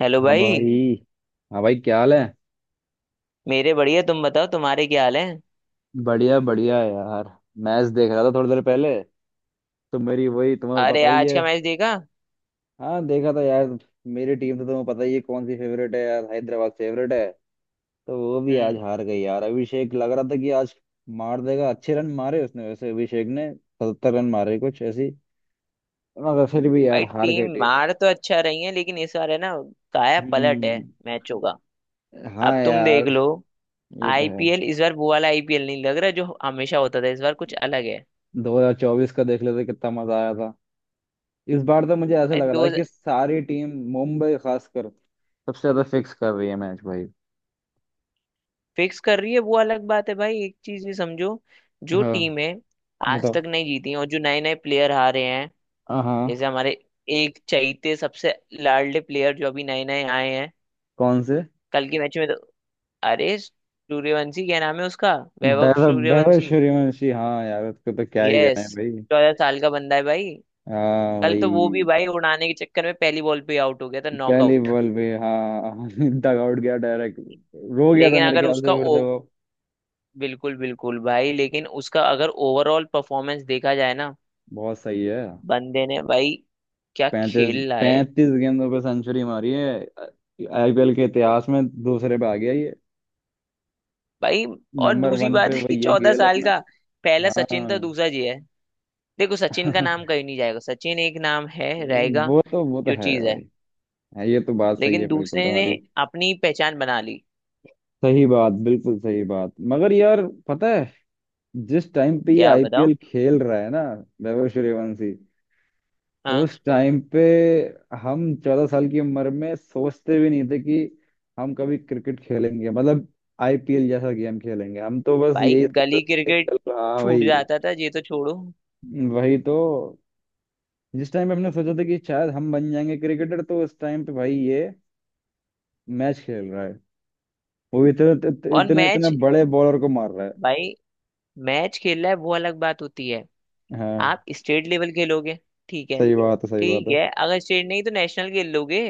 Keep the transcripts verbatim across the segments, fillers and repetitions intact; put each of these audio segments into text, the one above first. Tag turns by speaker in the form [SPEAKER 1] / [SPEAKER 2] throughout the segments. [SPEAKER 1] Hello
[SPEAKER 2] हाँ
[SPEAKER 1] भाई।
[SPEAKER 2] भाई। हाँ भाई, क्या हाल है?
[SPEAKER 1] मेरे बढ़िया, तुम बताओ, तुम्हारे क्या हाल है।
[SPEAKER 2] बढ़िया बढ़िया है यार। मैच देख रहा था थोड़ी देर पहले, तो मेरी वही, तुम्हें तो
[SPEAKER 1] अरे
[SPEAKER 2] पता ही
[SPEAKER 1] आज
[SPEAKER 2] है।
[SPEAKER 1] का मैच देखा।
[SPEAKER 2] हाँ, देखा था यार। मेरी टीम तो तुम्हें पता ही है कौन सी फेवरेट है यार, हैदराबाद फेवरेट है। तो वो भी आज
[SPEAKER 1] हम्म।
[SPEAKER 2] हार गई यार। अभिषेक, लग रहा था कि आज मार देगा। अच्छे रन मारे उसने, वैसे अभिषेक ने सत्तर रन मारे कुछ ऐसी। मगर फिर भी यार,
[SPEAKER 1] भाई
[SPEAKER 2] हार
[SPEAKER 1] टीम
[SPEAKER 2] गई टीम।
[SPEAKER 1] मार तो अच्छा रही है, लेकिन इस बार है ना, काया पलट है
[SPEAKER 2] हम्म।
[SPEAKER 1] मैचों का।
[SPEAKER 2] हाँ
[SPEAKER 1] अब तुम
[SPEAKER 2] यार,
[SPEAKER 1] देख लो,
[SPEAKER 2] ये तो है।
[SPEAKER 1] आईपीएल इस बार वो वाला आईपीएल नहीं लग रहा जो हमेशा होता था। इस बार कुछ अलग है।
[SPEAKER 2] दो हज़ार चौबीस का देख लेते, कितना मजा आया था। इस बार तो मुझे ऐसा
[SPEAKER 1] अरे
[SPEAKER 2] लग रहा था
[SPEAKER 1] दो
[SPEAKER 2] कि सारी टीम, मुंबई खासकर, सबसे ज्यादा फिक्स कर रही है मैच भाई।
[SPEAKER 1] फिक्स कर रही है वो अलग बात है भाई। एक चीज ये समझो, जो
[SPEAKER 2] हाँ,
[SPEAKER 1] टीमें आज
[SPEAKER 2] बताओ।
[SPEAKER 1] तक नहीं जीती हैं और जो नए नए प्लेयर आ रहे हैं,
[SPEAKER 2] हाँ।
[SPEAKER 1] जैसे हमारे एक चैते सबसे लाडले प्लेयर जो अभी नए नए आए हैं।
[SPEAKER 2] कौन से?
[SPEAKER 1] कल के मैच में तो अरे सूर्यवंशी, क्या नाम है उसका, वैभव
[SPEAKER 2] वैभव वैभव
[SPEAKER 1] सूर्यवंशी।
[SPEAKER 2] सूर्यवंशी। हाँ यार, उसको तो क्या ही कहना
[SPEAKER 1] यस।
[SPEAKER 2] है भाई।
[SPEAKER 1] चौदह साल का बंदा है भाई।
[SPEAKER 2] हाँ
[SPEAKER 1] कल तो वो भी
[SPEAKER 2] भाई।
[SPEAKER 1] भाई उड़ाने के चक्कर में पहली बॉल पे आउट हो गया था,
[SPEAKER 2] पहली
[SPEAKER 1] नॉकआउट।
[SPEAKER 2] बॉल पे, हाँ। डग आउट गया डायरेक्ट। रो गया था
[SPEAKER 1] लेकिन
[SPEAKER 2] मेरे
[SPEAKER 1] अगर
[SPEAKER 2] ख्याल
[SPEAKER 1] उसका
[SPEAKER 2] से फिर
[SPEAKER 1] ओ
[SPEAKER 2] तो वो।
[SPEAKER 1] बिल्कुल बिल्कुल भाई, लेकिन उसका अगर ओवरऑल परफॉर्मेंस देखा जाए ना,
[SPEAKER 2] बहुत सही है।
[SPEAKER 1] बंदे ने भाई क्या
[SPEAKER 2] पैंतीस
[SPEAKER 1] खेल रहा है।
[SPEAKER 2] पैंतीस गेंदों पे सेंचुरी मारी है। आईपीएल के इतिहास में दूसरे पे आ गया ये।
[SPEAKER 1] भाई, और
[SPEAKER 2] नंबर
[SPEAKER 1] दूसरी
[SPEAKER 2] वन पे
[SPEAKER 1] बात है कि
[SPEAKER 2] वही है
[SPEAKER 1] चौदह
[SPEAKER 2] गेल
[SPEAKER 1] साल
[SPEAKER 2] अपना।
[SPEAKER 1] का पहला
[SPEAKER 2] हाँ।
[SPEAKER 1] सचिन था, दूसरा ये है। देखो, सचिन का नाम कहीं नहीं जाएगा। सचिन एक नाम है, रहेगा
[SPEAKER 2] वो तो वो तो
[SPEAKER 1] जो
[SPEAKER 2] है
[SPEAKER 1] चीज है।
[SPEAKER 2] भाई। हाँ, ये तो बात सही
[SPEAKER 1] लेकिन
[SPEAKER 2] है बिल्कुल
[SPEAKER 1] दूसरे ने
[SPEAKER 2] तुम्हारी।
[SPEAKER 1] अपनी पहचान बना ली।
[SPEAKER 2] सही बात, बिल्कुल सही बात। मगर यार पता है, जिस टाइम पे ये
[SPEAKER 1] क्या बताओ।
[SPEAKER 2] आईपीएल खेल रहा है ना, वैभव सूर्यवंशी,
[SPEAKER 1] हाँ
[SPEAKER 2] उस टाइम पे हम चौदह साल की उम्र में सोचते भी नहीं थे कि हम कभी क्रिकेट खेलेंगे, मतलब आईपीएल जैसा गेम खेलेंगे। हम तो बस
[SPEAKER 1] भाई,
[SPEAKER 2] यही सोचते
[SPEAKER 1] गली
[SPEAKER 2] थे,
[SPEAKER 1] क्रिकेट
[SPEAKER 2] चल हाँ
[SPEAKER 1] छूट
[SPEAKER 2] भाई।
[SPEAKER 1] जाता था, ये तो छोड़ो।
[SPEAKER 2] वही तो। जिस टाइम पे हमने सोचा था कि शायद हम बन जाएंगे क्रिकेटर, तो उस टाइम पे भाई ये मैच खेल रहा है, वो इतने इतने
[SPEAKER 1] और
[SPEAKER 2] इतने इतने
[SPEAKER 1] मैच
[SPEAKER 2] बड़े बॉलर को मार रहा है।
[SPEAKER 1] भाई, मैच खेलना है वो अलग बात होती है।
[SPEAKER 2] हाँ,
[SPEAKER 1] आप स्टेट लेवल खेलोगे, ठीक है।
[SPEAKER 2] सही बात है, सही बात
[SPEAKER 1] ठीक
[SPEAKER 2] है।
[SPEAKER 1] है, अगर स्टेट नहीं तो नेशनल खेल लोगे।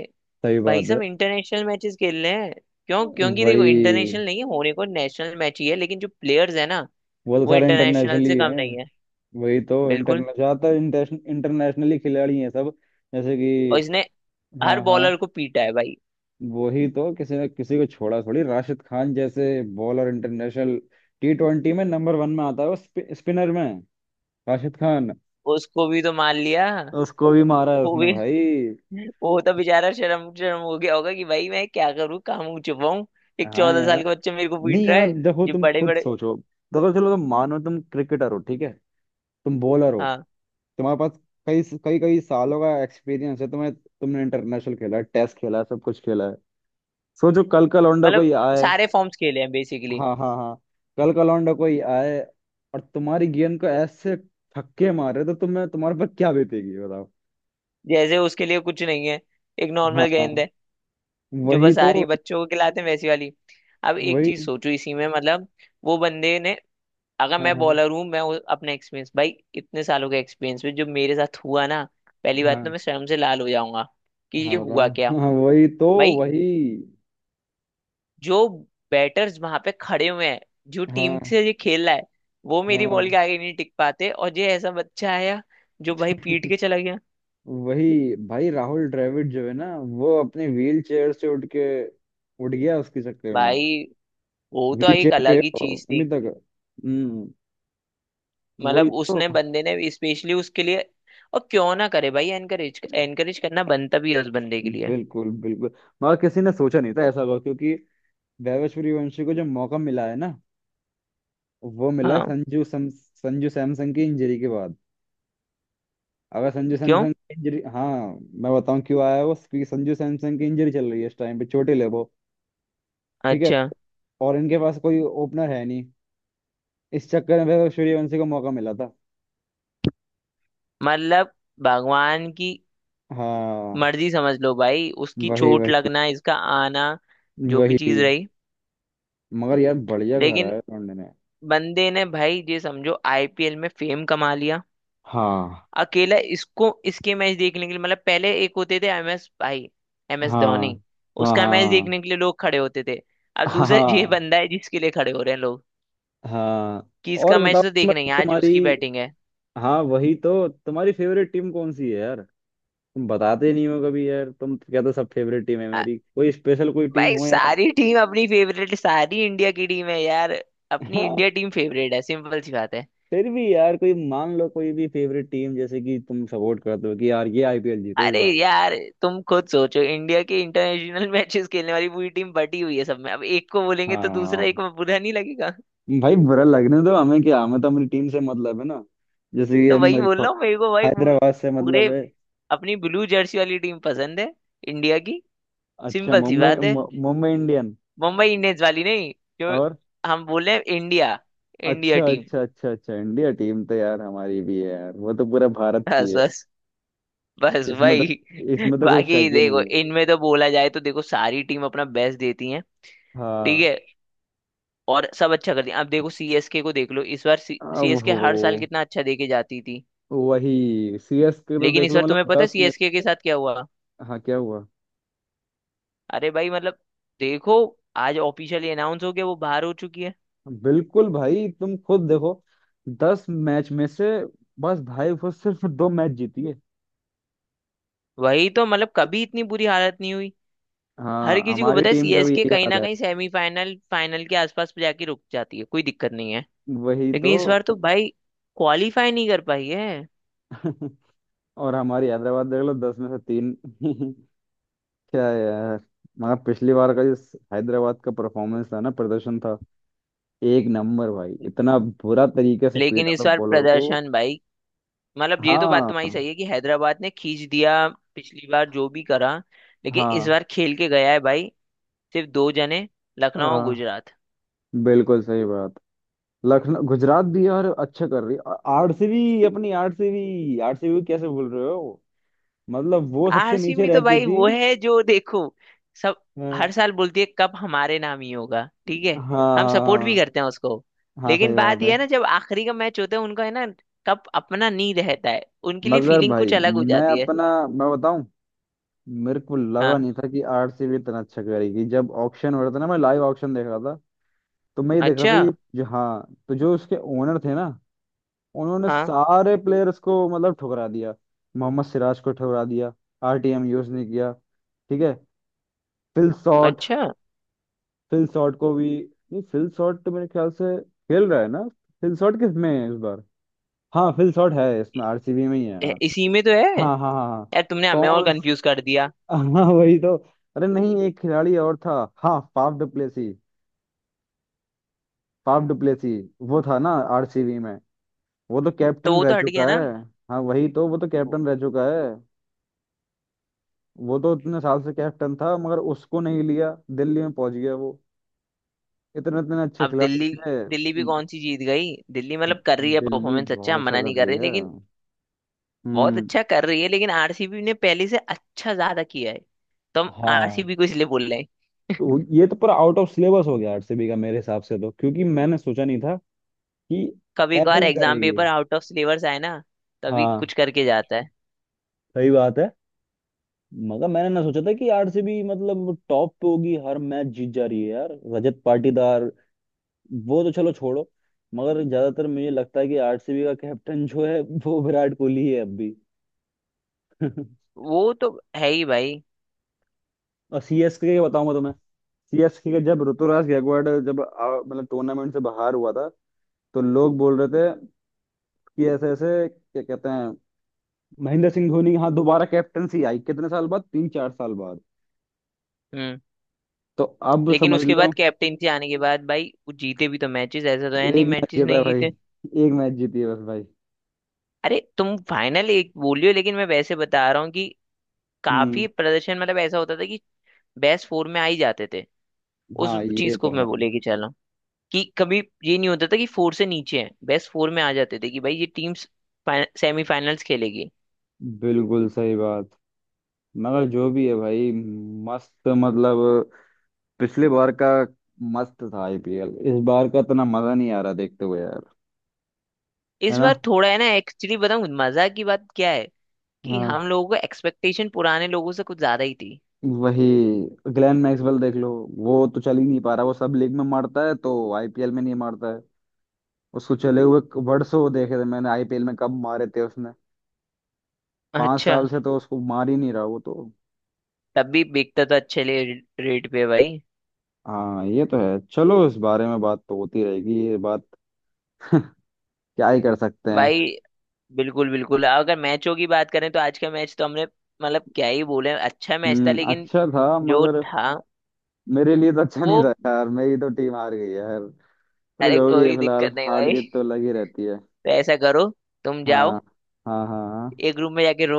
[SPEAKER 2] सही
[SPEAKER 1] भाई
[SPEAKER 2] बात है।
[SPEAKER 1] साहब इंटरनेशनल मैचेस खेल रहे हैं। क्यों? क्योंकि देखो,
[SPEAKER 2] वही।
[SPEAKER 1] इंटरनेशनल नहीं है, होने को नेशनल मैच ही है, लेकिन जो प्लेयर्स है ना,
[SPEAKER 2] वो तो
[SPEAKER 1] वो
[SPEAKER 2] सारे
[SPEAKER 1] इंटरनेशनल
[SPEAKER 2] इंटरनेशनली
[SPEAKER 1] से कम
[SPEAKER 2] हैं।
[SPEAKER 1] नहीं है।
[SPEAKER 2] वही तो,
[SPEAKER 1] बिल्कुल।
[SPEAKER 2] इंटरनेशनल, ज्यादातर इंटरनेशनली खिलाड़ी हैं सब। जैसे
[SPEAKER 1] और इसने
[SPEAKER 2] कि।
[SPEAKER 1] हर
[SPEAKER 2] हाँ, हाँ।
[SPEAKER 1] बॉलर को पीटा है भाई।
[SPEAKER 2] वही तो, किसी ने किसी को छोड़ा थोड़ी। राशिद खान जैसे बॉलर, इंटरनेशनल टी ट्वेंटी में नंबर वन में आता है वो, स्पिनर में, राशिद खान।
[SPEAKER 1] उसको भी तो मार लिया।
[SPEAKER 2] उसको भी मारा है
[SPEAKER 1] वो
[SPEAKER 2] उसने
[SPEAKER 1] भी,
[SPEAKER 2] भाई।
[SPEAKER 1] वो तो बेचारा शर्म शर्म हो गया होगा कि भाई मैं क्या करूँ, कहाँ मुंह छुपाऊं। एक
[SPEAKER 2] हाँ
[SPEAKER 1] चौदह साल
[SPEAKER 2] यार।
[SPEAKER 1] का बच्चा मेरे को
[SPEAKER 2] नहीं
[SPEAKER 1] पीट रहा
[SPEAKER 2] यार,
[SPEAKER 1] है।
[SPEAKER 2] देखो
[SPEAKER 1] जो
[SPEAKER 2] तुम
[SPEAKER 1] बड़े
[SPEAKER 2] खुद
[SPEAKER 1] बड़े,
[SPEAKER 2] सोचो। देखो चलो, तुम मानो तुम क्रिकेटर हो, ठीक है। तुम बॉलर हो।
[SPEAKER 1] हाँ,
[SPEAKER 2] तुम्हारे पास कई कई कई सालों का एक्सपीरियंस है, तुम्हें, तुमने इंटरनेशनल खेला है, टेस्ट खेला है, सब कुछ खेला है। सोचो कल का लौंडा
[SPEAKER 1] मतलब
[SPEAKER 2] कोई आए।
[SPEAKER 1] सारे फॉर्म्स खेले हैं बेसिकली।
[SPEAKER 2] हाँ, हाँ, हाँ। कल का लौंडा कोई आए और तुम्हारी गेंद को ऐसे छक्के मारे, तो तुम्हें, तुम्हारे पर क्या बीतेगी बताओ।
[SPEAKER 1] जैसे उसके लिए कुछ नहीं है, एक
[SPEAKER 2] हाँ
[SPEAKER 1] नॉर्मल
[SPEAKER 2] हाँ,
[SPEAKER 1] गेंद है जो
[SPEAKER 2] वही
[SPEAKER 1] बस
[SPEAKER 2] तो,
[SPEAKER 1] आ रही है, बच्चों को खिलाते हैं वैसी वाली। अब एक
[SPEAKER 2] वही।
[SPEAKER 1] चीज सोचो, इसी में मतलब वो बंदे ने, अगर
[SPEAKER 2] हाँ,
[SPEAKER 1] मैं
[SPEAKER 2] हाँ,
[SPEAKER 1] बॉलर हूँ, मैं वो- अपना एक्सपीरियंस भाई, इतने सालों का एक्सपीरियंस में जो मेरे साथ हुआ ना, पहली बात तो
[SPEAKER 2] हाँ,
[SPEAKER 1] मैं शर्म से लाल हो जाऊंगा कि
[SPEAKER 2] हाँ,
[SPEAKER 1] ये
[SPEAKER 2] बताओ।
[SPEAKER 1] हुआ क्या।
[SPEAKER 2] हाँ, वही तो,
[SPEAKER 1] भाई,
[SPEAKER 2] वही।
[SPEAKER 1] जो बैटर्स वहां पे खड़े हुए हैं, जो
[SPEAKER 2] हाँ,
[SPEAKER 1] टीम से ये खेल रहा है, वो मेरी बॉल के
[SPEAKER 2] हाँ।
[SPEAKER 1] आगे नहीं टिक पाते, और ये ऐसा बच्चा आया जो भाई पीट के चला गया।
[SPEAKER 2] वही भाई, राहुल द्रविड़ जो है ना, वो अपने व्हील चेयर से उठ के उठ गया उसके चक्कर में।
[SPEAKER 1] भाई वो तो
[SPEAKER 2] व्हील
[SPEAKER 1] एक
[SPEAKER 2] चेयर पे है
[SPEAKER 1] अलग ही
[SPEAKER 2] वो
[SPEAKER 1] चीज
[SPEAKER 2] अभी
[SPEAKER 1] थी।
[SPEAKER 2] तक। हम्म। वही
[SPEAKER 1] मतलब
[SPEAKER 2] तो,
[SPEAKER 1] उसने बंदे ने स्पेशली उसके लिए, और क्यों ना करे भाई, एनकरेज एनकरेज करना बनता भी है उस बंदे के लिए।
[SPEAKER 2] बिल्कुल बिल्कुल। मगर किसी ने सोचा नहीं था ऐसा होगा, क्योंकि वैभव सूर्यवंशी को जो मौका मिला है ना, वो मिला है
[SPEAKER 1] हाँ,
[SPEAKER 2] संजू सम, संजू सैमसन की इंजरी के बाद। अगर संजू
[SPEAKER 1] क्यों,
[SPEAKER 2] सैमसन की इंजरी, हाँ। मैं बताऊं क्यों आया वो। क्योंकि संजू सैमसन की इंजरी चल रही है, इस टाइम पे चोटिल है वो, ठीक है।
[SPEAKER 1] अच्छा,
[SPEAKER 2] और इनके पास कोई ओपनर है नहीं। इस चक्कर में फिर सूर्यवंशी को मौका मिला था।
[SPEAKER 1] मतलब भगवान की
[SPEAKER 2] हाँ,
[SPEAKER 1] मर्जी समझ लो भाई, उसकी
[SPEAKER 2] वही
[SPEAKER 1] चोट
[SPEAKER 2] वही
[SPEAKER 1] लगना, इसका आना, जो भी
[SPEAKER 2] वही।
[SPEAKER 1] चीज रही।
[SPEAKER 2] मगर यार, बढ़िया घर
[SPEAKER 1] लेकिन
[SPEAKER 2] है लौंडे ने।
[SPEAKER 1] बंदे ने भाई, ये समझो, आईपीएल में फेम कमा लिया
[SPEAKER 2] हाँ,
[SPEAKER 1] अकेला। इसको, इसके मैच देखने के लिए, मतलब पहले एक होते थे एमएस भाई, एमएस
[SPEAKER 2] हाँ,
[SPEAKER 1] धोनी।
[SPEAKER 2] हाँ,
[SPEAKER 1] उसका मैच
[SPEAKER 2] हाँ,
[SPEAKER 1] देखने के लिए लोग खड़े होते थे। अब दूसरा ये
[SPEAKER 2] हाँ,
[SPEAKER 1] बंदा है जिसके लिए खड़े हो रहे हैं लोग,
[SPEAKER 2] हाँ।
[SPEAKER 1] कि
[SPEAKER 2] और
[SPEAKER 1] इसका
[SPEAKER 2] बताओ,
[SPEAKER 1] मैच तो देखना ही
[SPEAKER 2] मतलब
[SPEAKER 1] है, आज
[SPEAKER 2] तुम्हारी,
[SPEAKER 1] उसकी बैटिंग है।
[SPEAKER 2] हाँ वही तो, तुम्हारी फेवरेट टीम कौन सी है यार। तुम बताते नहीं हो कभी यार, तुम तो कहते हो सब फेवरेट टीम है
[SPEAKER 1] अ,
[SPEAKER 2] मेरी, कोई स्पेशल कोई टीम
[SPEAKER 1] भाई
[SPEAKER 2] हो यार।
[SPEAKER 1] सारी टीम अपनी फेवरेट, सारी इंडिया की टीम है यार। अपनी
[SPEAKER 2] हाँ,
[SPEAKER 1] इंडिया टीम फेवरेट है, सिंपल सी बात है।
[SPEAKER 2] फिर भी यार कोई, मान लो कोई भी फेवरेट टीम जैसे कि तुम सपोर्ट करते हो कि यार ये आईपीएल जीते इस
[SPEAKER 1] अरे
[SPEAKER 2] बार।
[SPEAKER 1] यार, तुम खुद सोचो, इंडिया की इंटरनेशनल मैचेस खेलने वाली पूरी टीम बटी हुई है सब में, अब एक को बोलेंगे
[SPEAKER 2] हाँ
[SPEAKER 1] तो
[SPEAKER 2] हाँ,
[SPEAKER 1] दूसरा
[SPEAKER 2] हाँ।
[SPEAKER 1] एक में बुरा नहीं लगेगा।
[SPEAKER 2] भाई बुरा लगने दो, हमें क्या, हमें तो अपनी टीम से मतलब है ना। जैसे
[SPEAKER 1] तो
[SPEAKER 2] कि
[SPEAKER 1] वही
[SPEAKER 2] मेरे
[SPEAKER 1] बोल
[SPEAKER 2] को
[SPEAKER 1] रहा हूँ, मेरे को भाई पू-
[SPEAKER 2] हैदराबाद से
[SPEAKER 1] पूरे,
[SPEAKER 2] मतलब है।
[SPEAKER 1] अपनी ब्लू जर्सी वाली टीम पसंद है, इंडिया की।
[SPEAKER 2] अच्छा,
[SPEAKER 1] सिंपल सी
[SPEAKER 2] मुंबई,
[SPEAKER 1] बात है।
[SPEAKER 2] मु- मुंबई इंडियन।
[SPEAKER 1] मुंबई इंडियंस वाली नहीं, जो
[SPEAKER 2] और।
[SPEAKER 1] हम बोले इंडिया, इंडिया
[SPEAKER 2] अच्छा,
[SPEAKER 1] टीम।
[SPEAKER 2] अच्छा, अच्छा, अच्छा, इंडिया टीम तो यार हमारी भी है यार, वो तो पूरा भारत की
[SPEAKER 1] बस
[SPEAKER 2] है।
[SPEAKER 1] बस बस
[SPEAKER 2] इसमें तो
[SPEAKER 1] भाई।
[SPEAKER 2] इसमें तो कोई शक
[SPEAKER 1] बाकी
[SPEAKER 2] ही
[SPEAKER 1] देखो,
[SPEAKER 2] नहीं है।
[SPEAKER 1] इनमें तो बोला जाए तो देखो सारी टीम अपना बेस्ट देती है, ठीक
[SPEAKER 2] हाँ।
[SPEAKER 1] है। और सब अच्छा कर दिया। आप देखो, सीएसके को देख लो, इस बार
[SPEAKER 2] अब
[SPEAKER 1] सीएसके
[SPEAKER 2] हो।
[SPEAKER 1] हर साल कितना अच्छा दे के जाती थी।
[SPEAKER 2] वही सीएस के तो
[SPEAKER 1] लेकिन
[SPEAKER 2] देख
[SPEAKER 1] इस
[SPEAKER 2] लो
[SPEAKER 1] बार तुम्हें
[SPEAKER 2] मतलब
[SPEAKER 1] पता है
[SPEAKER 2] दस में
[SPEAKER 1] सीएसके के
[SPEAKER 2] से।
[SPEAKER 1] साथ क्या हुआ।
[SPEAKER 2] हाँ, क्या हुआ?
[SPEAKER 1] अरे भाई, मतलब देखो, आज ऑफिशियली अनाउंस हो गया, वो बाहर हो चुकी है।
[SPEAKER 2] बिल्कुल भाई तुम खुद देखो, दस मैच में से बस भाई वो सिर्फ दो मैच जीती है।
[SPEAKER 1] वही तो, मतलब कभी इतनी बुरी हालत नहीं हुई। हर
[SPEAKER 2] हाँ,
[SPEAKER 1] किसी को
[SPEAKER 2] हमारी
[SPEAKER 1] पता है
[SPEAKER 2] टीम का भी
[SPEAKER 1] सीएसके
[SPEAKER 2] यही
[SPEAKER 1] कहीं
[SPEAKER 2] हाल
[SPEAKER 1] ना
[SPEAKER 2] है।
[SPEAKER 1] कहीं सेमीफाइनल फाइनल के आसपास जाके रुक जाती है, कोई दिक्कत नहीं है।
[SPEAKER 2] वही तो।
[SPEAKER 1] लेकिन इस बार तो भाई क्वालिफाई नहीं कर पाई है।
[SPEAKER 2] और हमारी हैदराबाद देख लो, दस में से तीन। क्या है यार। मगर पिछली बार का जो हैदराबाद का परफॉर्मेंस था ना, प्रदर्शन था एक नंबर भाई, इतना बुरा तरीके से
[SPEAKER 1] लेकिन
[SPEAKER 2] पीटा था
[SPEAKER 1] इस बार
[SPEAKER 2] बॉलर को।
[SPEAKER 1] प्रदर्शन भाई, मतलब ये तो बात
[SPEAKER 2] हाँ,
[SPEAKER 1] तुम्हारी सही है कि हैदराबाद ने खींच दिया पिछली बार, जो भी करा। लेकिन इस
[SPEAKER 2] हाँ,
[SPEAKER 1] बार खेल के गया है भाई सिर्फ दो जने, लखनऊ और
[SPEAKER 2] हाँ,
[SPEAKER 1] गुजरात।
[SPEAKER 2] बिल्कुल सही बात। लखनऊ गुजरात भी यार अच्छा कर रही। आरसीबी अपनी आरसीबी, आरसीबी कैसे बोल रहे हो मतलब, वो सबसे नीचे
[SPEAKER 1] आरसीबी तो
[SPEAKER 2] रहती
[SPEAKER 1] भाई
[SPEAKER 2] थी।
[SPEAKER 1] वो है जो देखो, सब हर
[SPEAKER 2] हाँ,
[SPEAKER 1] साल बोलती है कप हमारे नाम ही होगा, ठीक है।
[SPEAKER 2] हाँ,
[SPEAKER 1] हम सपोर्ट भी
[SPEAKER 2] हाँ,
[SPEAKER 1] करते हैं उसको।
[SPEAKER 2] हाँ, सही
[SPEAKER 1] लेकिन
[SPEAKER 2] बात
[SPEAKER 1] बात यह
[SPEAKER 2] है।
[SPEAKER 1] है ना, जब आखिरी का मैच होता है उनका है ना, कप अपना नहीं रहता है। उनके लिए
[SPEAKER 2] मगर
[SPEAKER 1] फीलिंग
[SPEAKER 2] भाई,
[SPEAKER 1] कुछ अलग हो
[SPEAKER 2] मैं
[SPEAKER 1] जाती है।
[SPEAKER 2] अपना मैं बताऊं। मेरे को लगा
[SPEAKER 1] हाँ।
[SPEAKER 2] नहीं था कि आरसीबी इतना अच्छा करेगी। जब ऑक्शन हो रहा था ना, मैं लाइव ऑक्शन देख रहा था। तो मैं ये देख रहा
[SPEAKER 1] अच्छा।
[SPEAKER 2] था कि जो, हाँ, तो जो उसके ओनर थे ना, उन्होंने
[SPEAKER 1] हाँ।
[SPEAKER 2] सारे प्लेयर्स को मतलब ठुकरा दिया। मोहम्मद सिराज को ठुकरा दिया। आरटीएम यूज नहीं किया, ठीक है। फिल शॉट,
[SPEAKER 1] अच्छा।
[SPEAKER 2] फिल शॉट को भी, नहीं, फिल शॉट तो मेरे ख्याल से खेल रहा है ना। फिल शॉट किस में है इस बार? हाँ, फिल शॉट है इसमें आरसीबी में ही है। हाँ,
[SPEAKER 1] इ- इसी में तो है।
[SPEAKER 2] हाँ, हाँ, हाँ, हाँ।
[SPEAKER 1] यार तुमने हमें और
[SPEAKER 2] कौन?
[SPEAKER 1] कंफ्यूज कर दिया।
[SPEAKER 2] हाँ वही तो। अरे नहीं, एक खिलाड़ी और था। हाँ, फाफ डुप्लेसी। फाफ डुप्लेसी वो था ना आरसीबी में। वो तो
[SPEAKER 1] तो
[SPEAKER 2] कैप्टन
[SPEAKER 1] वो
[SPEAKER 2] रह
[SPEAKER 1] तो हट गया
[SPEAKER 2] चुका
[SPEAKER 1] ना।
[SPEAKER 2] है। हाँ वही तो, वो तो
[SPEAKER 1] वो-
[SPEAKER 2] कैप्टन रह चुका है। वो तो इतने साल से कैप्टन था, मगर उसको नहीं लिया, दिल्ली में पहुंच गया वो। इतने इतने अच्छे
[SPEAKER 1] अब
[SPEAKER 2] खिलाड़ी
[SPEAKER 1] दिल्ली,
[SPEAKER 2] थे।
[SPEAKER 1] दिल्ली भी कौन सी जीत गई। दिल्ली मतलब कर रही है
[SPEAKER 2] दिल्ली
[SPEAKER 1] परफॉर्मेंस अच्छा,
[SPEAKER 2] बहुत
[SPEAKER 1] हम
[SPEAKER 2] अच्छा
[SPEAKER 1] मना
[SPEAKER 2] कर
[SPEAKER 1] नहीं कर
[SPEAKER 2] रही
[SPEAKER 1] रहे,
[SPEAKER 2] है।
[SPEAKER 1] लेकिन बहुत
[SPEAKER 2] हम्म,
[SPEAKER 1] अच्छा कर रही है। लेकिन आरसीबी ने पहले से अच्छा ज्यादा किया है, तो हम
[SPEAKER 2] हाँ।
[SPEAKER 1] आरसीबी को इसलिए बोल रहे हैं।
[SPEAKER 2] तो ये तो पूरा आउट ऑफ सिलेबस हो गया आरसीबी का, मेरे हिसाब से तो, क्योंकि मैंने सोचा नहीं था कि
[SPEAKER 1] कभी
[SPEAKER 2] ऐसा
[SPEAKER 1] कभार
[SPEAKER 2] भी
[SPEAKER 1] एग्जाम
[SPEAKER 2] करेगी।
[SPEAKER 1] पेपर आउट ऑफ सिलेबस आए ना, तभी
[SPEAKER 2] हाँ,
[SPEAKER 1] कुछ करके जाता है।
[SPEAKER 2] सही बात है। मगर मैंने ना सोचा था कि आरसीबी मतलब टॉप पे होगी, हर मैच जीत जा रही है यार, रजत पाटीदार। वो तो चलो छोड़ो। मगर ज्यादातर मुझे लगता है कि आरसीबी का कैप्टन जो है, वो विराट कोहली ही है अब भी।
[SPEAKER 1] वो तो है ही भाई।
[SPEAKER 2] और सीएसके का बताऊं मैं तुम्हें। सीएसके का जब ऋतुराज गायकवाड़ जब आ- मतलब टूर्नामेंट से बाहर हुआ था, तो लोग बोल रहे थे कि ऐसे ऐसे क्या कहते हैं, महेंद्र सिंह धोनी, यहाँ दोबारा कैप्टनसी आई कितने साल बाद, तीन चार साल बाद।
[SPEAKER 1] हम्म।
[SPEAKER 2] तो अब
[SPEAKER 1] लेकिन
[SPEAKER 2] समझ
[SPEAKER 1] उसके
[SPEAKER 2] लो।
[SPEAKER 1] बाद कैप्टेंसी आने के बाद भाई, वो जीते भी तो मैचेस, ऐसा तो है नहीं
[SPEAKER 2] एक मैच
[SPEAKER 1] मैचेस
[SPEAKER 2] जीता है
[SPEAKER 1] नहीं
[SPEAKER 2] भाई,
[SPEAKER 1] जीते।
[SPEAKER 2] एक मैच जीती है बस भाई।
[SPEAKER 1] अरे तुम फाइनल एक बोलियो, लेकिन मैं वैसे बता रहा हूँ कि काफी
[SPEAKER 2] हम्म,
[SPEAKER 1] प्रदर्शन, मतलब ऐसा होता था कि बेस्ट फोर में आ ही जाते थे। उस
[SPEAKER 2] हाँ, ये
[SPEAKER 1] चीज को
[SPEAKER 2] तो
[SPEAKER 1] मैं
[SPEAKER 2] है,
[SPEAKER 1] बोले कि चलो, कि कभी ये नहीं होता था कि फोर से नीचे है, बेस्ट फोर में आ जाते थे कि भाई ये टीम्स सेमीफाइनल्स खेलेगी।
[SPEAKER 2] बिल्कुल सही बात। मगर जो भी है भाई, मस्त मतलब पिछले बार का मस्त था आईपीएल, इस बार का इतना मजा नहीं आ रहा देखते हुए यार। है
[SPEAKER 1] इस
[SPEAKER 2] ना।
[SPEAKER 1] बार थोड़ा है ना, एक्चुअली बताऊं मजा की बात क्या है, कि
[SPEAKER 2] हाँ,
[SPEAKER 1] हम लोगों का एक्सपेक्टेशन पुराने लोगों से कुछ ज्यादा ही थी।
[SPEAKER 2] वही। ग्लेन मैक्सवेल देख लो, वो तो चल ही नहीं पा रहा, वो सब लीग में मारता है तो आईपीएल में नहीं मारता है। उसको चले हुए वर्षों देखे थे मैंने, आईपीएल में कब मारे थे उसने। पांच
[SPEAKER 1] अच्छा,
[SPEAKER 2] साल से तो उसको मार ही नहीं रहा वो तो।
[SPEAKER 1] तब भी बिकता तो अच्छे ले रेट पे भाई।
[SPEAKER 2] हाँ, ये तो है, चलो इस बारे में बात तो होती रहेगी ये बात। क्या ही कर सकते हैं।
[SPEAKER 1] भाई बिल्कुल बिल्कुल, अगर मैचों की बात करें तो आज का मैच तो हमने, मतलब क्या ही बोले, अच्छा मैच था,
[SPEAKER 2] हम्म,
[SPEAKER 1] लेकिन
[SPEAKER 2] अच्छा था
[SPEAKER 1] जो
[SPEAKER 2] मगर,
[SPEAKER 1] था
[SPEAKER 2] मेरे लिए तो अच्छा
[SPEAKER 1] वो।
[SPEAKER 2] नहीं था यार, मेरी तो टीम हार गई है यार। चलो
[SPEAKER 1] अरे
[SPEAKER 2] जो भी है,
[SPEAKER 1] कोई
[SPEAKER 2] फिलहाल
[SPEAKER 1] दिक्कत नहीं
[SPEAKER 2] हार
[SPEAKER 1] भाई,
[SPEAKER 2] जीत तो लगी रहती है।
[SPEAKER 1] तो ऐसा करो, तुम जाओ
[SPEAKER 2] हाँ, हाँ, हाँ।
[SPEAKER 1] एक रूम में जाके रो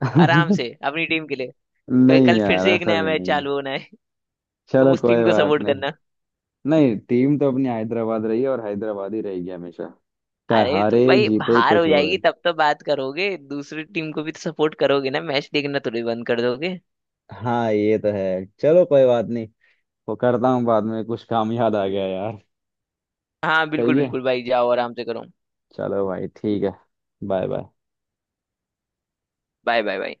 [SPEAKER 1] आराम
[SPEAKER 2] हाँ।
[SPEAKER 1] से अपनी टीम के लिए, क्योंकि
[SPEAKER 2] नहीं
[SPEAKER 1] कल फिर
[SPEAKER 2] यार,
[SPEAKER 1] से एक
[SPEAKER 2] ऐसा
[SPEAKER 1] नया
[SPEAKER 2] भी
[SPEAKER 1] मैच
[SPEAKER 2] नहीं।
[SPEAKER 1] चालू होना है। तुम
[SPEAKER 2] चलो
[SPEAKER 1] उस
[SPEAKER 2] कोई
[SPEAKER 1] टीम को
[SPEAKER 2] बात
[SPEAKER 1] सपोर्ट
[SPEAKER 2] नहीं।
[SPEAKER 1] करना।
[SPEAKER 2] नहीं, टीम तो अपनी हैदराबाद रही है और हैदराबाद ही रहेगी हमेशा, चाहे
[SPEAKER 1] अरे तो
[SPEAKER 2] हारे
[SPEAKER 1] भाई,
[SPEAKER 2] जीते
[SPEAKER 1] हार हो
[SPEAKER 2] कुछ
[SPEAKER 1] जाएगी
[SPEAKER 2] होए।
[SPEAKER 1] तब तो बात करोगे, दूसरी टीम को भी तो सपोर्ट करोगे ना, मैच देखना थोड़ी बंद कर दोगे।
[SPEAKER 2] हाँ, ये तो है, चलो कोई बात नहीं। वो करता हूँ बाद में, कुछ काम याद आ गया यार।
[SPEAKER 1] हाँ बिल्कुल
[SPEAKER 2] सही है।
[SPEAKER 1] बिल्कुल भाई, जाओ आराम से करो।
[SPEAKER 2] चलो भाई, ठीक है। Bye bye.
[SPEAKER 1] Bye bye bye.